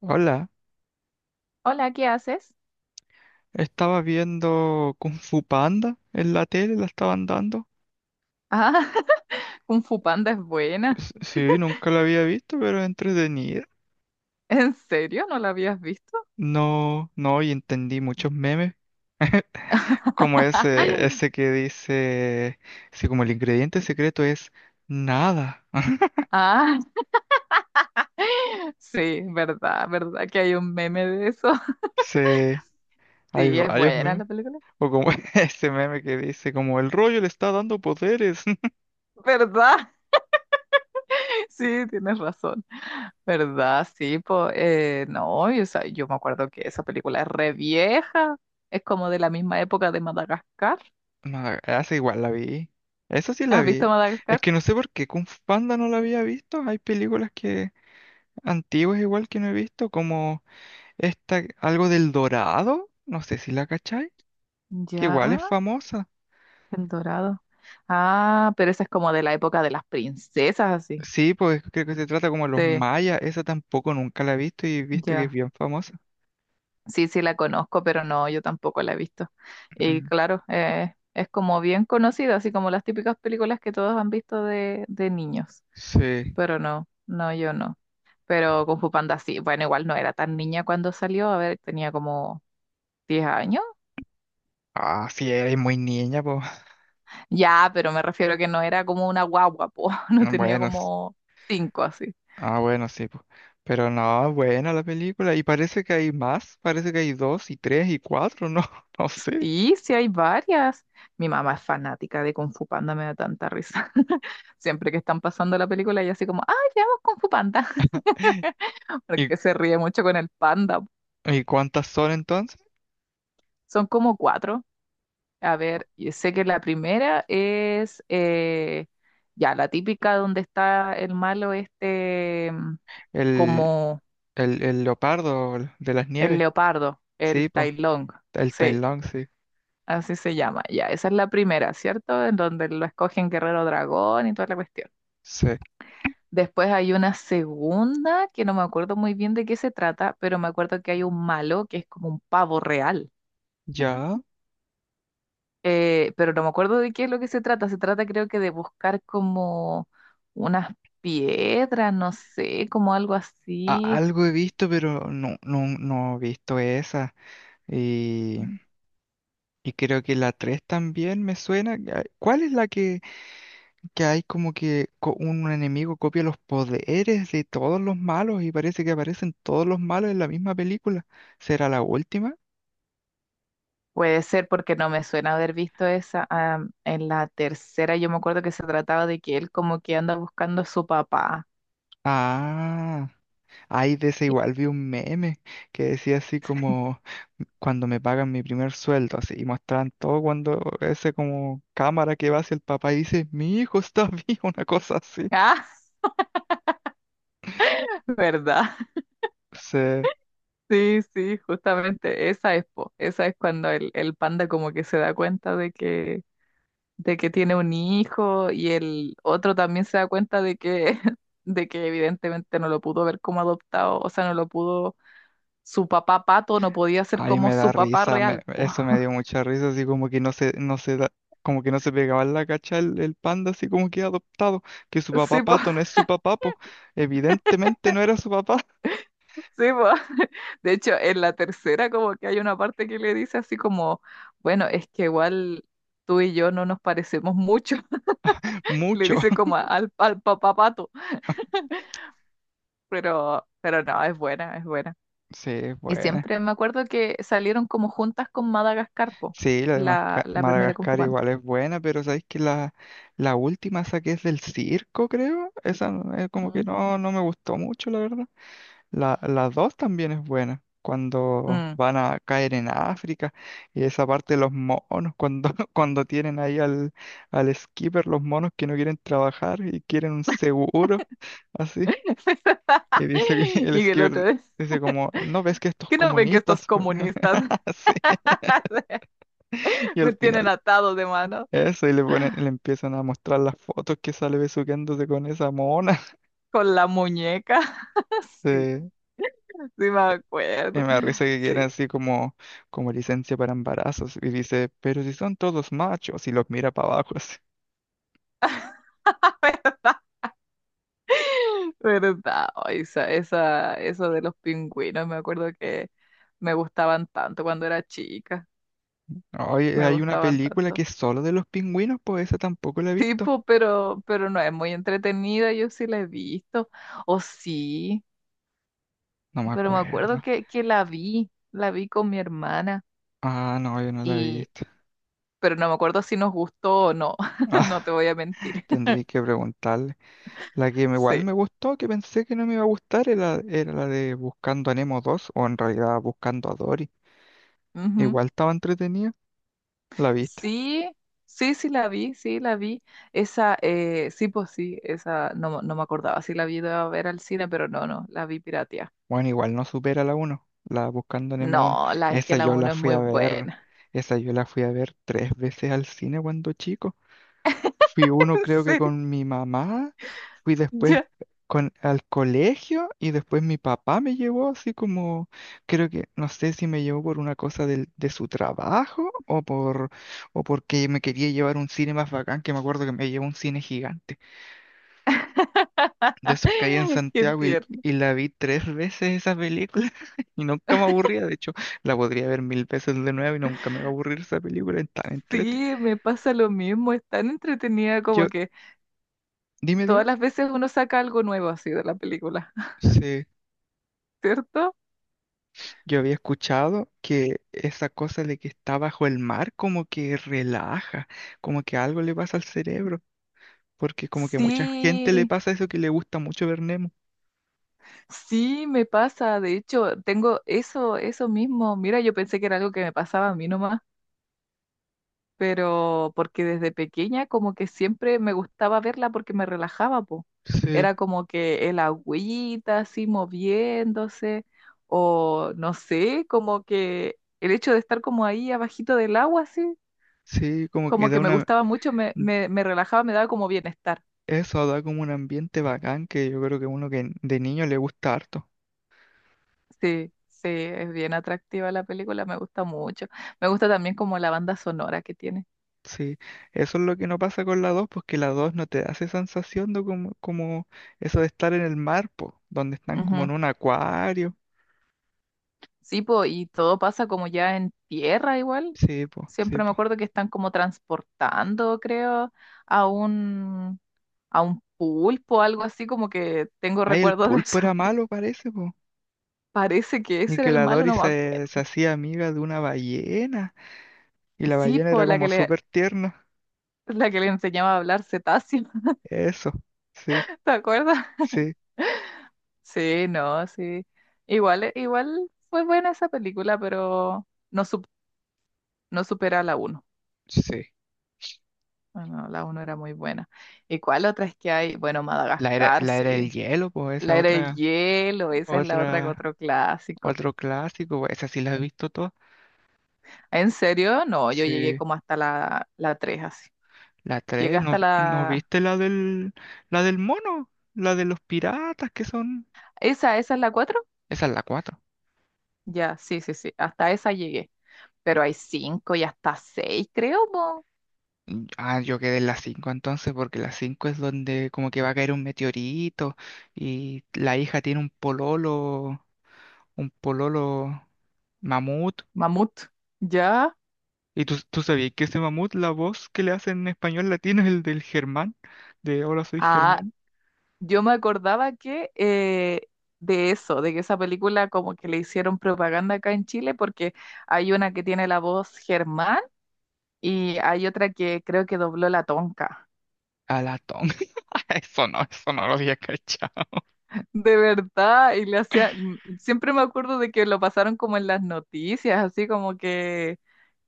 Hola, Hola, ¿qué haces? estaba viendo Kung Fu Panda en la tele, la estaban dando. Ah, Kung Fu Panda es buena. Sí, nunca la había visto, pero es entretenida. ¿En serio? ¿No la habías visto? No, no, y entendí muchos memes, como ese, ese que dice, sí, como el ingrediente secreto es nada. Ah, sí, verdad, que hay un meme de eso. Sí, hay Sí, es varios buena memes. la película. O como ese meme que dice, como el rollo le está dando poderes. ¿Verdad? Sí, tienes razón. ¿Verdad? Sí, pues, no, y, o sea, yo me acuerdo que esa película es re vieja. Es como de la misma época de Madagascar. No, esa igual la vi. Esa sí la ¿Has vi. visto Es Madagascar? que no sé por qué Kung Fu Panda no la había visto. Hay películas que antiguas igual que no he visto, como esta, algo del Dorado, no sé si la cachai, que igual Ya, es famosa. El Dorado. Ah, pero esa es como de la época de las princesas, así. Sí, pues creo que se trata como los Sí, mayas, esa tampoco nunca la he visto y he visto que es ya. bien famosa. Sí, sí la conozco, pero no, yo tampoco la he visto. Y Mm, claro, es como bien conocida, así como las típicas películas que todos han visto de niños. sí. Pero no, no, yo no. Pero Kung Fu Panda sí, bueno, igual no era tan niña cuando salió, a ver, tenía como 10 años. Ah, sí, eres muy niña, pues. Ya, pero me refiero que no era como una guagua, po. No tenía Bueno, como 5 así. ah, bueno, sí, pues. Pero no, buena la película. Y parece que hay más, parece que hay dos y tres y cuatro, no, no sé. Sí, sí hay varias. Mi mamá es fanática de Kung Fu Panda, me da tanta risa. Siempre que están pasando la película, ella así como, ¡ay, veamos Kung Fu Panda! ¿Y, Porque se ríe mucho con el panda. ¿Y cuántas son entonces? Son como cuatro. A ver, yo sé que la primera es ya la típica donde está el malo este, El, como el leopardo de las el nieves. leopardo, Sí, el pues. Tai Lung. El Tai Sí, Lung, sí. así se llama. Ya, esa es la primera, ¿cierto? En donde lo escogen guerrero dragón y toda la cuestión. Sí. Después hay una segunda que no me acuerdo muy bien de qué se trata, pero me acuerdo que hay un malo que es como un pavo real. Ya. Pero no me acuerdo de qué es lo que se trata. Se trata creo que de buscar como unas piedras, no sé, como algo así. Algo he visto, pero no, no, no he visto esa. Y, Mm. y creo que la 3 también me suena. ¿Ah, cuál es la que hay como que un enemigo copia los poderes de todos los malos y parece que aparecen todos los malos en la misma película? ¿Será la última? Puede ser porque no me suena haber visto esa. Ah, en la tercera yo me acuerdo que se trataba de que él como que anda buscando a su papá. Ah, ay, de esa Y- igual vi un meme que decía así como... cuando me pagan mi primer sueldo, así, y mostraban todo cuando ese como cámara que va hacia el papá y dice, mi hijo está vivo, una cosa así. Ah, ¿verdad? Sí, Sí, sí, justamente esa es, po, esa es cuando el panda como que se da cuenta de que tiene un hijo y el otro también se da cuenta de que, de que evidentemente no lo pudo ver como adoptado, o sea, no lo pudo, su papá pato no podía ser ahí como me da su papá risa, real, po. eso me dio mucha risa, así como que no se da, como que no se pegaba en la cacha el panda, así como que adoptado, que su papá Sí, po, pato no es su papá, po. Evidentemente no era su papá, sí, po. De hecho, en la tercera como que hay una parte que le dice así como, bueno, es que igual tú y yo no nos parecemos mucho, le mucho. dice como al papá pato. Pero no, es buena, es buena. Sí, Y bueno. siempre me acuerdo que salieron como juntas con Madagascar, po, Sí, la de la primera Kung Fu Madagascar Panda. igual es buena, pero sabéis que la última esa que es del circo, creo, esa como que Mm. no, no me gustó mucho, la verdad. La dos también es buena, cuando Mm. van a caer en África y esa parte de los monos, cuando, cuando tienen ahí al skipper, los monos que no quieren trabajar y quieren un seguro, así. Y dice que el Y el skipper otro es, dice como, ¿no ves que estos ¿qué no ven que estos comunistas? comunistas Así. Y al me tienen final atado de mano eso, y le ponen, le empiezan a mostrar las fotos que sale besuqueándose con esa mona. con la muñeca? Sí, Sí. sí me Y acuerdo. me da risa que quieren Sí, así como, como licencia para embarazos. Y dice, pero si son todos machos, y los mira para abajo así. verdad. Oh, esa, eso de los pingüinos, me acuerdo que me gustaban tanto cuando era chica. Oye, Me hay una gustaban película que tanto. es solo de los pingüinos, pues esa tampoco la he visto. Tipo, pero no es muy entretenida, yo sí la he visto, o sí, No me pero me acuerdo acuerdo. Que la vi con mi hermana, Ah, no, yo no la he y, visto. pero no me acuerdo si nos gustó o no, Ah, no te voy a mentir. tendría que preguntarle. La que igual Sí, me gustó, que pensé que no me iba a gustar, era la de Buscando a Nemo 2, o en realidad Buscando a Dory. ujú. Igual estaba entretenida. ¿La viste? Sí, sí, sí la vi, esa, sí, pues sí, esa, no, no me acordaba si la vi de a ver al cine, pero no, no, la vi piratea. Bueno, igual no supera la uno la Buscando Nemo uno. No, la es que Esa la yo la uno es fui muy a ver, buena. esa yo la fui a ver tres veces al cine cuando chico. Fui uno ¿En creo que serio? con mi mamá, fui después Ya. con, al colegio y después mi papá me llevó así como, creo que, no sé si me llevó por una cosa de su trabajo o por, o porque me quería llevar a un cine más bacán, que me acuerdo que me llevó a un cine gigante de esos que hay en Qué Santiago tierno. y la vi tres veces esa película y nunca me aburría. De hecho, la podría ver mil veces de nuevo y nunca me va a aburrir esa película. Es tan entrete. Sí, me pasa lo mismo, es tan entretenida Yo, como que dime. todas las veces uno saca algo nuevo así de la película, Sí, ¿cierto? yo había escuchado que esa cosa de que está bajo el mar como que relaja, como que algo le pasa al cerebro, porque como que a mucha gente le Sí, pasa eso que le gusta mucho ver Nemo. sí, me pasa, de hecho, tengo eso, eso mismo, mira, yo pensé que era algo que me pasaba a mí nomás, pero porque desde pequeña como que siempre me gustaba verla porque me relajaba, po. Sí, Era como que el agüita así moviéndose, o no sé, como que el hecho de estar como ahí abajito del agua, así sí, como que como da que me una... gustaba mucho, me relajaba, me daba como bienestar. Eso da como un ambiente bacán que yo creo que uno que de niño le gusta harto. Sí, sí, es bien atractiva la película, me gusta mucho. Me gusta también como la banda sonora que tiene. Sí, eso es lo que no pasa con la 2 porque la 2 no te da esa sensación de como, como eso de estar en el mar, po, donde están como en Ujú. un acuario. Sí, po, y todo pasa como ya en tierra igual. Sí, po, sí, Siempre me po. acuerdo que están como transportando, creo, a un, a un pulpo, algo así, como que tengo Ay, el recuerdos de pulpo eso. era malo, parece, po. Parece que Y ese era que el la malo, Dory no me acuerdo. se hacía amiga de una ballena, y la Sí, ballena po, era como súper tierna. la que le enseñaba a hablar cetáceo, Eso, sí, ¿te acuerdas? sí, Sí, no, sí. Igual, igual fue buena esa película, pero no, no supera a la uno. sí. Bueno, la uno era muy buena. ¿Y cuál otra es que hay? Bueno, Madagascar, La era del sí. hielo, pues La esa era del otra, hielo, esa es la otra, otra, otro clásico. otro clásico, po, esa sí la he visto toda. ¿En serio? No, yo llegué Sí, como hasta la 3 así. la Llegué 3 ¿no, hasta no la... viste la del mono? La de los piratas que son... ¿Esa, esa es la 4. Esa es la cuatro. Ya, sí, sí, sí. Hasta esa llegué. Pero hay 5 y hasta seis, creo, po. Mm, ah, yo quedé en la 5 entonces porque la 5 es donde como que va a caer un meteorito y la hija tiene un pololo mamut. Mamut. ¿Ya? ¿Y tú sabías que ese mamut, la voz que le hacen en español latino es el del Germán? De Hola soy Ah, Germán. yo me acordaba que de eso, de que esa película como que le hicieron propaganda acá en Chile, porque hay una que tiene la voz Germán y hay otra que creo que dobló la Tonka. A la tonga. Eso no lo había cachado. De verdad, y le hacían, siempre me acuerdo de que lo pasaron como en las noticias, así como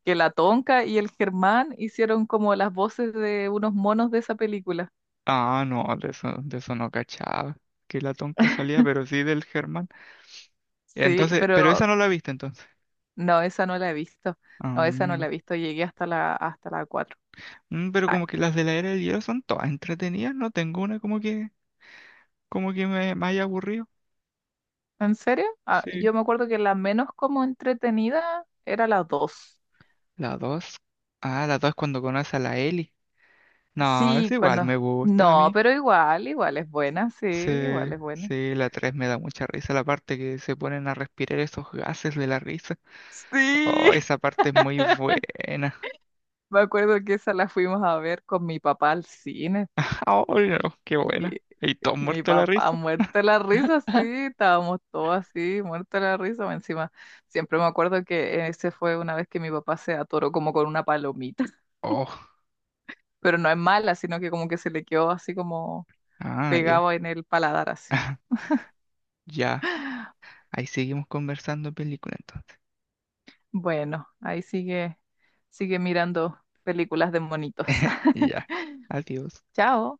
que la Tonka y el Germán hicieron como las voces de unos monos de esa película. Ah, no, de eso no cachaba. Que la tonca salía, pero sí del Germán. Sí, Entonces, pero pero esa no la viste entonces. no, esa no la he visto. Ah, No, esa no la he visto. Llegué hasta hasta la 4. Pero como que las de la era del hielo son todas entretenidas, no tengo una como que me haya aburrido. ¿En serio? Ah, Sí. yo me acuerdo que la menos como entretenida era la 2. La dos. Ah, la dos es cuando conoce a la Ellie. No, es Sí, igual, cuando... me gusta a No, mí. pero igual, igual es buena, sí, Sí, igual es buena. sí, la tres me da mucha risa, la parte que se ponen a respirar esos gases de la risa. Sí, Oh, esa parte es muy buena. me acuerdo que esa la fuimos a ver con mi papá al cine. Oh, no, qué buena. Y Y todo mi muerto de la papá risa. muerto de la risa, sí, estábamos todos así, muerto de la risa. Más encima, siempre me acuerdo que ese fue una vez que mi papá se atoró como con una palomita, Oh, pero no es mala, sino que como que se le quedó así como ah, ya. pegado en el paladar así. Ya, ahí seguimos conversando película entonces. Bueno, ahí sigue, sigue mirando películas de monitos. Ya, adiós. Chao.